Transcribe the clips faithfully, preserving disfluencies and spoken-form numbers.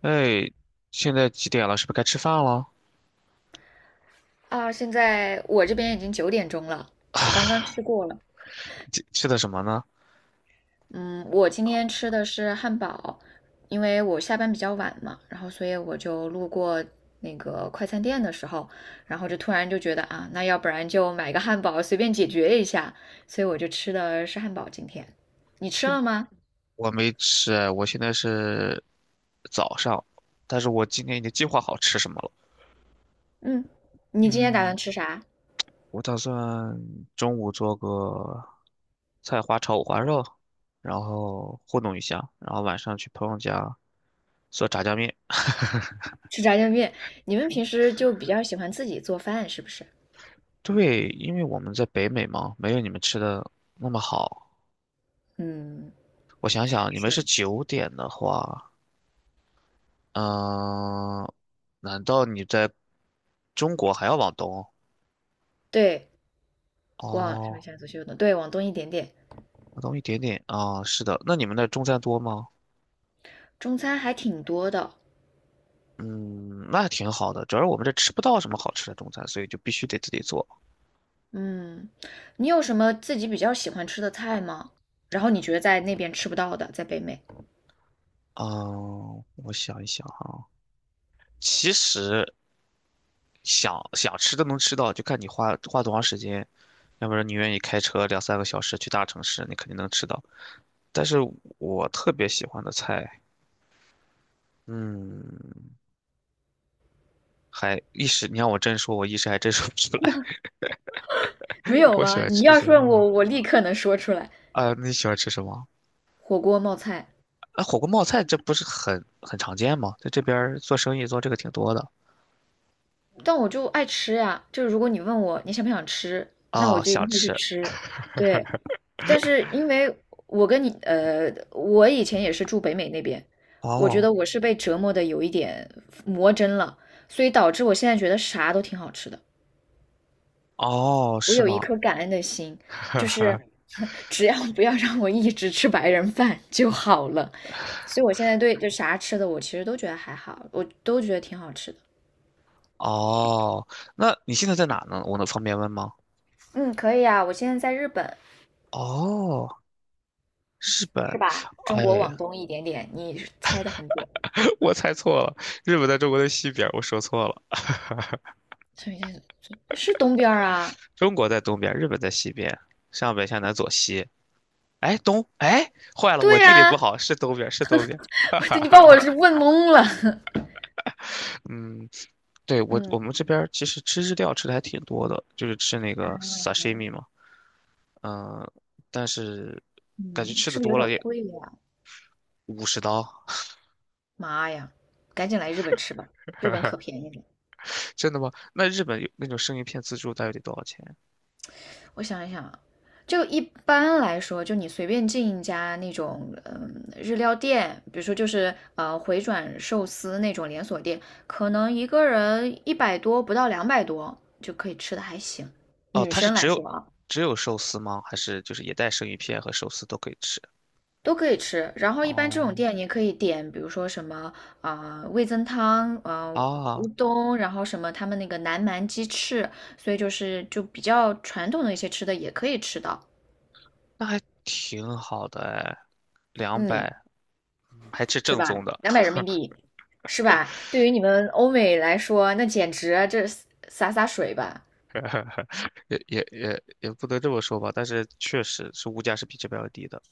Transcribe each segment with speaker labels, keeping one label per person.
Speaker 1: 哎，现在几点了？是不是该吃饭了？
Speaker 2: 啊，现在我这边已经九点钟了，我刚刚吃过了。
Speaker 1: 吃吃的什么呢？
Speaker 2: 嗯，我今天吃的是汉堡，因为我下班比较晚嘛，然后所以我就路过那个快餐店的时候，然后就突然就觉得啊，那要不然就买个汉堡随便解决一下，所以我就吃的是汉堡。今天你吃
Speaker 1: 今
Speaker 2: 了吗？
Speaker 1: 我没吃哎，我现在是早上，但是我今天已经计划好吃什么了。
Speaker 2: 嗯，你今天打
Speaker 1: 嗯，
Speaker 2: 算吃啥？
Speaker 1: 我打算中午做个菜花炒五花肉，然后糊弄一下，然后晚上去朋友家做炸酱面。
Speaker 2: 吃炸酱面。你们平时就比较喜欢自己做饭是不是？
Speaker 1: 对，因为我们在北美嘛，没有你们吃的那么好。我想想，你们
Speaker 2: 嗯，是。
Speaker 1: 是九点的话。嗯、难道你在中国还要往东？
Speaker 2: 对，往上面
Speaker 1: 哦，
Speaker 2: 向左，秀挪，对，往东一点点。
Speaker 1: 往东一点点啊、是的。那你们那中餐多吗？
Speaker 2: 中餐还挺多的。
Speaker 1: 嗯，那挺好的。主要是我们这吃不到什么好吃的中餐，所以就必须得自己做。
Speaker 2: 嗯，你有什么自己比较喜欢吃的菜吗？然后你觉得在那边吃不到的，在北美
Speaker 1: 嗯、我想一想哈、其实想想吃都能吃到，就看你花花多长时间。要不然你愿意开车两三个小时去大城市，你肯定能吃到。但是我特别喜欢的菜，嗯。还一时，你让我真说，我一时还真说不出来。
Speaker 2: 没 有
Speaker 1: 我喜
Speaker 2: 吗？
Speaker 1: 欢
Speaker 2: 你
Speaker 1: 吃
Speaker 2: 要
Speaker 1: 什
Speaker 2: 是问
Speaker 1: 么啊？
Speaker 2: 我，我立刻能说出来。
Speaker 1: 啊，你喜欢吃什么？
Speaker 2: 火锅冒菜，
Speaker 1: 啊，火锅冒菜这不是很很常见吗？在这边儿做生意做这个挺多的。
Speaker 2: 但我就爱吃呀。就是如果你问我你想不想吃，那我
Speaker 1: 啊，
Speaker 2: 就一
Speaker 1: 想
Speaker 2: 定会去
Speaker 1: 吃。
Speaker 2: 吃。对，但是因为我跟你呃，我以前也是住北美那边，我觉
Speaker 1: 哦
Speaker 2: 得我是被折磨的有一点魔怔了，所以导致我现在觉得啥都挺好吃的。
Speaker 1: 哦，
Speaker 2: 我
Speaker 1: 是
Speaker 2: 有一
Speaker 1: 吗？
Speaker 2: 颗感恩的心，就是 只要不要让我一直吃白人饭就好了。所以我现在对就啥吃的，我其实都觉得还好，我都觉得挺好吃的。
Speaker 1: 哦，那你现在在哪呢？我能方便问吗？
Speaker 2: 嗯，可以啊，我现在在日本，
Speaker 1: 哦，日本。
Speaker 2: 是吧？中国
Speaker 1: 哎，
Speaker 2: 往东一点点，你猜的很准。
Speaker 1: 我猜错了，日本在中国的西边，我说错了，
Speaker 2: 上一在是东边儿啊？
Speaker 1: 中国在东边，日本在西边，上北下南左西。哎，东，哎，坏了，
Speaker 2: 对
Speaker 1: 我地理
Speaker 2: 呀、啊，
Speaker 1: 不好，是东边，是东边，哈哈
Speaker 2: 我你把我
Speaker 1: 哈。
Speaker 2: 是问懵了。
Speaker 1: 嗯，对，我我
Speaker 2: 嗯
Speaker 1: 们这边儿其实吃日料吃的还挺多的，就是吃那
Speaker 2: 啊，
Speaker 1: 个 sashimi 嘛。嗯、但是感觉
Speaker 2: 嗯，
Speaker 1: 吃的
Speaker 2: 是不是有
Speaker 1: 多
Speaker 2: 点
Speaker 1: 了也
Speaker 2: 贵呀？
Speaker 1: 五十刀。
Speaker 2: 妈呀，赶紧来日本吃吧，日本可 便宜了。
Speaker 1: 真的吗？那日本有那种生鱼片自助大约得多少钱？
Speaker 2: 我想一想啊，就一般来说，就你随便进一家那种嗯日料店，比如说就是呃回转寿司那种连锁店，可能一个人一百多不到两百多就可以吃的还行。
Speaker 1: 哦，
Speaker 2: 女
Speaker 1: 它是
Speaker 2: 生
Speaker 1: 只
Speaker 2: 来
Speaker 1: 有
Speaker 2: 说啊，
Speaker 1: 只有寿司吗？还是就是也带生鱼片和寿司都可以吃？
Speaker 2: 都可以吃。然后一般这种
Speaker 1: 哦，
Speaker 2: 店你可以点，比如说什么啊、呃味增汤，呃
Speaker 1: 啊，
Speaker 2: 乌冬，然后什么他们那个南蛮鸡翅，所以就是就比较传统的一些吃的也可以吃到。
Speaker 1: 那还挺好的哎，两
Speaker 2: 嗯，
Speaker 1: 百，还吃
Speaker 2: 对
Speaker 1: 正宗
Speaker 2: 吧？
Speaker 1: 的。
Speaker 2: 两百人民币，是吧？对于你们欧美来说，那简直啊这洒洒水吧。
Speaker 1: 也也也也不能这么说吧，但是确实是物价是比这边要低的，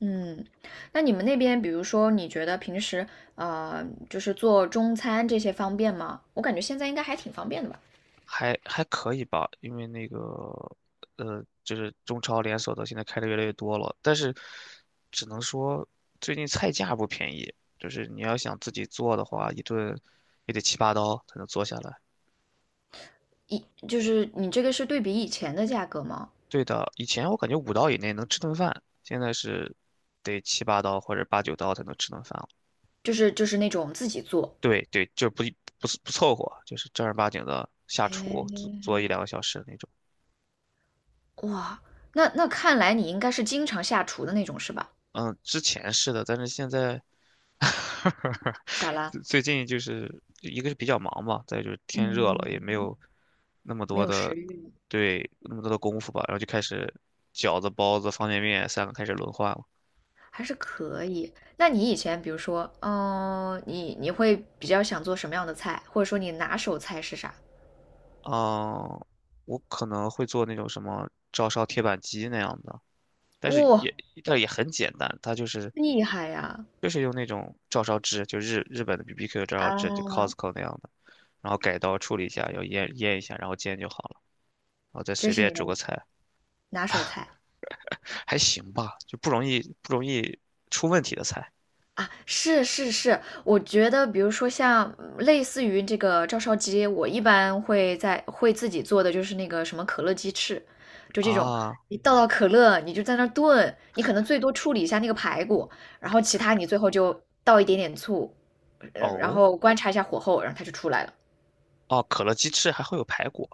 Speaker 2: 嗯，那你们那边，比如说，你觉得平时呃，就是做中餐这些方便吗？我感觉现在应该还挺方便的吧。
Speaker 1: 还还可以吧，因为那个呃，就是中超连锁的现在开的越来越多了，但是只能说最近菜价不便宜，就是你要想自己做的话，一顿也得七八刀才能做下来。
Speaker 2: 以就是你这个是对比以前的价格吗？
Speaker 1: 对的，以前我感觉五刀以内能吃顿饭，现在是得七八刀或者八九刀才能吃顿饭。
Speaker 2: 就是就是那种自己做。
Speaker 1: 对对，就不不是不凑合，就是正儿八经的下厨做
Speaker 2: 哎，
Speaker 1: 做一两个小时那种。
Speaker 2: 哇，那那看来你应该是经常下厨的那种是吧？
Speaker 1: 嗯，之前是的，但是现在
Speaker 2: 咋啦？
Speaker 1: 最最近就是一个是比较忙嘛，再就是天热了，也
Speaker 2: 嗯，
Speaker 1: 没有那么
Speaker 2: 没
Speaker 1: 多
Speaker 2: 有食
Speaker 1: 的
Speaker 2: 欲。
Speaker 1: 对那么多的功夫吧，然后就开始饺子、包子、方便面三个开始轮换了。
Speaker 2: 还是可以。那你以前比如说，嗯、你你会比较想做什么样的菜，或者说你拿手菜是啥？
Speaker 1: 嗯，我可能会做那种什么照烧铁板鸡那样的，但是
Speaker 2: 哇、
Speaker 1: 也但也很简单，它就是
Speaker 2: 厉害呀！
Speaker 1: 就是用那种照烧汁，就日日本的 B B Q 照烧汁，就
Speaker 2: 啊，
Speaker 1: Costco 那样的，然后改刀处理一下，要腌腌一下，然后煎就好了，然后再
Speaker 2: 这
Speaker 1: 随
Speaker 2: 是
Speaker 1: 便
Speaker 2: 你的
Speaker 1: 煮个菜，
Speaker 2: 拿手菜。
Speaker 1: 还行吧，就不容易不容易出问题的菜
Speaker 2: 啊，是是是，我觉得比如说像嗯类似于这个照烧鸡，我一般会在会自己做的就是那个什么可乐鸡翅，就这种，
Speaker 1: 啊。
Speaker 2: 你倒倒可乐，你就在那儿炖，你可能最多处理一下那个排骨，然后其他你最后就倒一点点醋，呃，然
Speaker 1: 哦
Speaker 2: 后观察一下火候，然后它就出来了。
Speaker 1: 哦，可乐鸡翅还会有排骨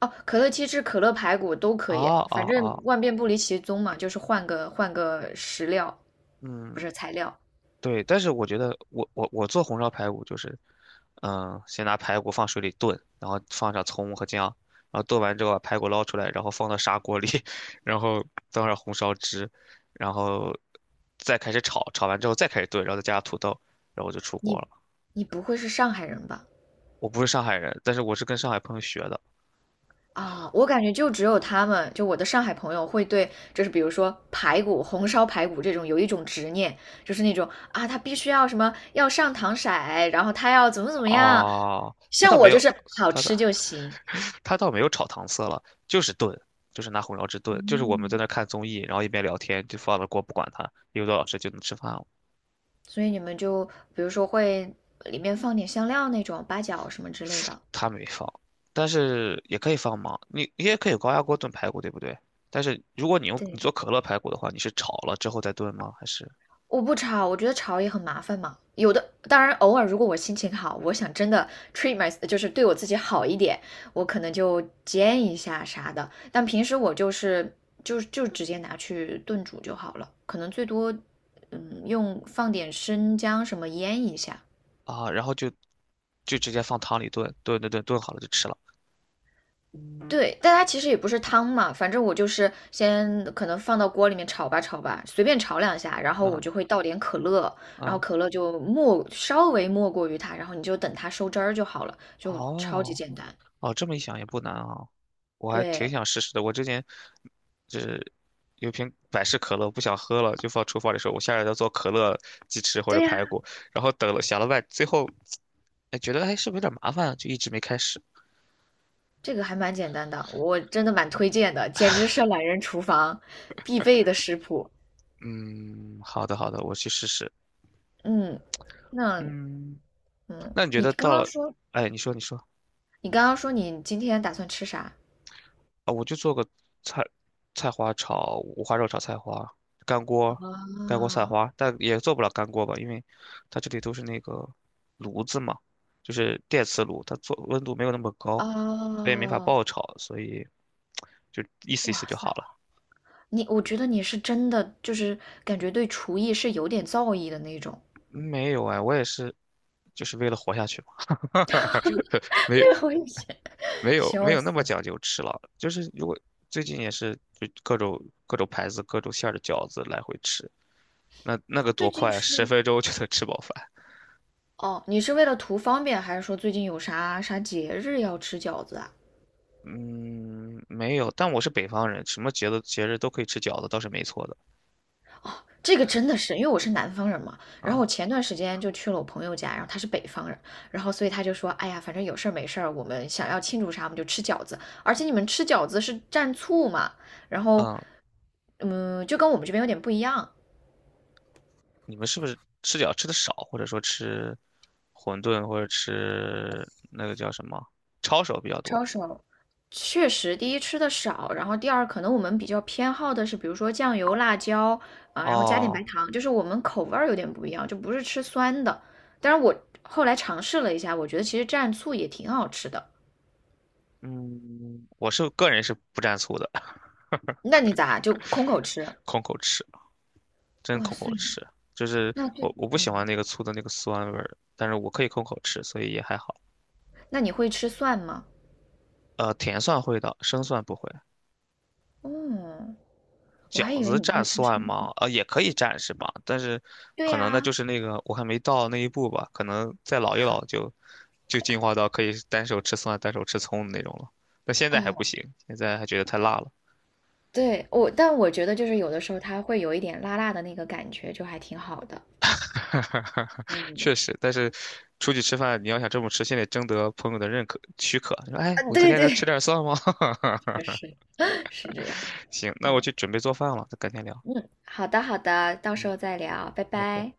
Speaker 2: 哦，可乐鸡翅、可乐排骨都可以，
Speaker 1: 啊啊
Speaker 2: 反正
Speaker 1: 啊，
Speaker 2: 万变不离其宗嘛，就是换个换个食料，不
Speaker 1: 嗯。
Speaker 2: 是材料。
Speaker 1: 对，但是我觉得我我我做红烧排骨就是，嗯，先拿排骨放水里炖，然后放上葱和姜，然后炖完之后把排骨捞出来，然后放到砂锅里，然后倒上红烧汁，然后再开始炒，炒完之后再开始炖，然后再加上土豆，然后就出锅
Speaker 2: 你
Speaker 1: 了。
Speaker 2: 你不会是上海人吧？
Speaker 1: 我不是上海人，但是我是跟上海朋友学的。
Speaker 2: 啊、我感觉就只有他们，就我的上海朋友会对，就是比如说排骨、红烧排骨这种有一种执念，就是那种啊，他必须要什么要上糖色，然后他要怎么怎么样。
Speaker 1: 啊，他
Speaker 2: 像
Speaker 1: 倒
Speaker 2: 我
Speaker 1: 没
Speaker 2: 就
Speaker 1: 有，
Speaker 2: 是好
Speaker 1: 他的
Speaker 2: 吃就行。
Speaker 1: 他倒没有炒糖色了，就是炖，就是拿红烧汁炖，就是我们在
Speaker 2: 嗯，
Speaker 1: 那看综艺，然后一边聊天就放了锅不管它，一个多小时就能吃饭了。
Speaker 2: 所以你们就比如说会里面放点香料那种八角什么之类的。
Speaker 1: 他没放，但是也可以放嘛，你你也可以高压锅炖排骨，对不对？但是如果你用你
Speaker 2: 对。
Speaker 1: 做可乐排骨的话，你是炒了之后再炖吗？还是
Speaker 2: 我不炒，我觉得炒也很麻烦嘛。有的，当然偶尔如果我心情好，我想真的 treat my,就是对我自己好一点，我可能就煎一下啥的。但平时我就是就就直接拿去炖煮就好了，可能最多嗯用放点生姜什么腌一下。
Speaker 1: 啊，然后就就直接放汤里炖，炖炖炖炖好了就吃了。
Speaker 2: 对，但它其实也不是汤嘛，反正我就是先可能放到锅里面炒吧炒吧，随便炒两下，然后
Speaker 1: 嗯
Speaker 2: 我就会倒点可乐，然后
Speaker 1: 嗯，
Speaker 2: 可乐就没稍微没过于它，然后你就等它收汁儿就好了，就超级
Speaker 1: 哦
Speaker 2: 简单。
Speaker 1: 哦，这么一想也不难啊，我还挺
Speaker 2: 对，
Speaker 1: 想试试的。我之前就是有瓶百事可乐，不想喝了，就放厨房里说，我下来要做可乐鸡翅或者
Speaker 2: 对呀，
Speaker 1: 排骨，然后等了想了半，最后哎觉得哎是不是有点麻烦啊，就一直没开始。
Speaker 2: 这个还蛮简单的，我真的蛮推荐的，简直是懒人厨房必备的食谱。
Speaker 1: 嗯，好的好的，我去试试。
Speaker 2: 嗯，那
Speaker 1: 嗯，
Speaker 2: 嗯，
Speaker 1: 那你觉
Speaker 2: 你
Speaker 1: 得
Speaker 2: 刚
Speaker 1: 到了，
Speaker 2: 刚说
Speaker 1: 哎，你说你说
Speaker 2: 你刚刚说你今天打算吃啥？
Speaker 1: 啊，我就做个菜菜花炒五花肉炒菜花，干锅干锅菜
Speaker 2: 啊
Speaker 1: 花，但也做不了干锅吧，因为它这里都是那个炉子嘛，就是电磁炉，它做温度没有那么高，所
Speaker 2: 啊，
Speaker 1: 以没法爆炒，所以就意思意思
Speaker 2: 哇
Speaker 1: 就
Speaker 2: 塞！
Speaker 1: 好了。
Speaker 2: 你我觉得你是真的就是感觉对厨艺是有点造诣的那种，
Speaker 1: 没有哎，我也是，就是为了活下去嘛，没有。
Speaker 2: 我以前
Speaker 1: 没 有没
Speaker 2: 笑
Speaker 1: 有那么
Speaker 2: 死！
Speaker 1: 讲究吃了，就是如果最近也是就各种各种牌子、各种馅儿的饺子来回吃，那那个
Speaker 2: 最
Speaker 1: 多
Speaker 2: 近
Speaker 1: 快啊，十
Speaker 2: 是
Speaker 1: 分钟就能吃饱饭。
Speaker 2: 哦，你是为了图方便，还是说最近有啥啥节日要吃饺子啊？
Speaker 1: 嗯，没有，但我是北方人，什么节日节日都可以吃饺子，倒是没错的
Speaker 2: 这个真的是，因为我是南方人嘛，然后我
Speaker 1: 啊。
Speaker 2: 前段时间就去了我朋友家，然后他是北方人，然后所以他就说，哎呀，反正有事儿没事儿，我们想要庆祝啥，我们就吃饺子，而且你们吃饺子是蘸醋嘛，然后，
Speaker 1: 嗯，
Speaker 2: 嗯，就跟我们这边有点不一样，
Speaker 1: 你们是不是吃饺吃的少，或者说吃馄饨或者吃那个叫什么抄手比较
Speaker 2: 抄
Speaker 1: 多？
Speaker 2: 手。确实，第一吃的少，然后第二可能我们比较偏好的是，比如说酱油、辣椒啊，然后加点白
Speaker 1: 哦，
Speaker 2: 糖，就是我们口味儿有点不一样，就不是吃酸的。但是我后来尝试了一下，我觉得其实蘸醋也挺好吃的。
Speaker 1: 嗯，我是个人是不蘸醋的，
Speaker 2: 那你咋就空口吃？
Speaker 1: 空口吃。真
Speaker 2: 哇
Speaker 1: 空
Speaker 2: 塞，
Speaker 1: 口吃，就是
Speaker 2: 那这
Speaker 1: 我我不喜欢
Speaker 2: 嗯，
Speaker 1: 那个醋的那个酸味儿，但是我可以空口吃，所以也还好。
Speaker 2: 那你会吃蒜吗？
Speaker 1: 呃，甜蒜会的，生蒜不会。
Speaker 2: 嗯，我还
Speaker 1: 饺
Speaker 2: 以为
Speaker 1: 子
Speaker 2: 你不
Speaker 1: 蘸
Speaker 2: 会吃
Speaker 1: 蒜
Speaker 2: 生蒜。
Speaker 1: 吗？呃，也可以蘸是吧？但是
Speaker 2: 对
Speaker 1: 可能呢，
Speaker 2: 呀，
Speaker 1: 就是那个我还没到那一步吧，可能再老一老就就进化到可以单手吃蒜、单手吃葱的那种了。但现在还不
Speaker 2: 哦，
Speaker 1: 行，现在还觉得太辣了。
Speaker 2: 对，我，但我觉得就是有的时候它会有一点辣辣的那个感觉，就还挺好的。嗯，
Speaker 1: 确实，但是出去吃饭，你要想这么吃，先得征得朋友的认可许可。说，哎，
Speaker 2: 啊，
Speaker 1: 我今
Speaker 2: 对
Speaker 1: 天能吃
Speaker 2: 对，
Speaker 1: 点 蒜吗？
Speaker 2: 确实。是这样。
Speaker 1: 行，那我
Speaker 2: 嗯
Speaker 1: 去准备做饭了，咱改天聊，
Speaker 2: 嗯，好的好的，到时候再聊，拜
Speaker 1: 拜拜。
Speaker 2: 拜。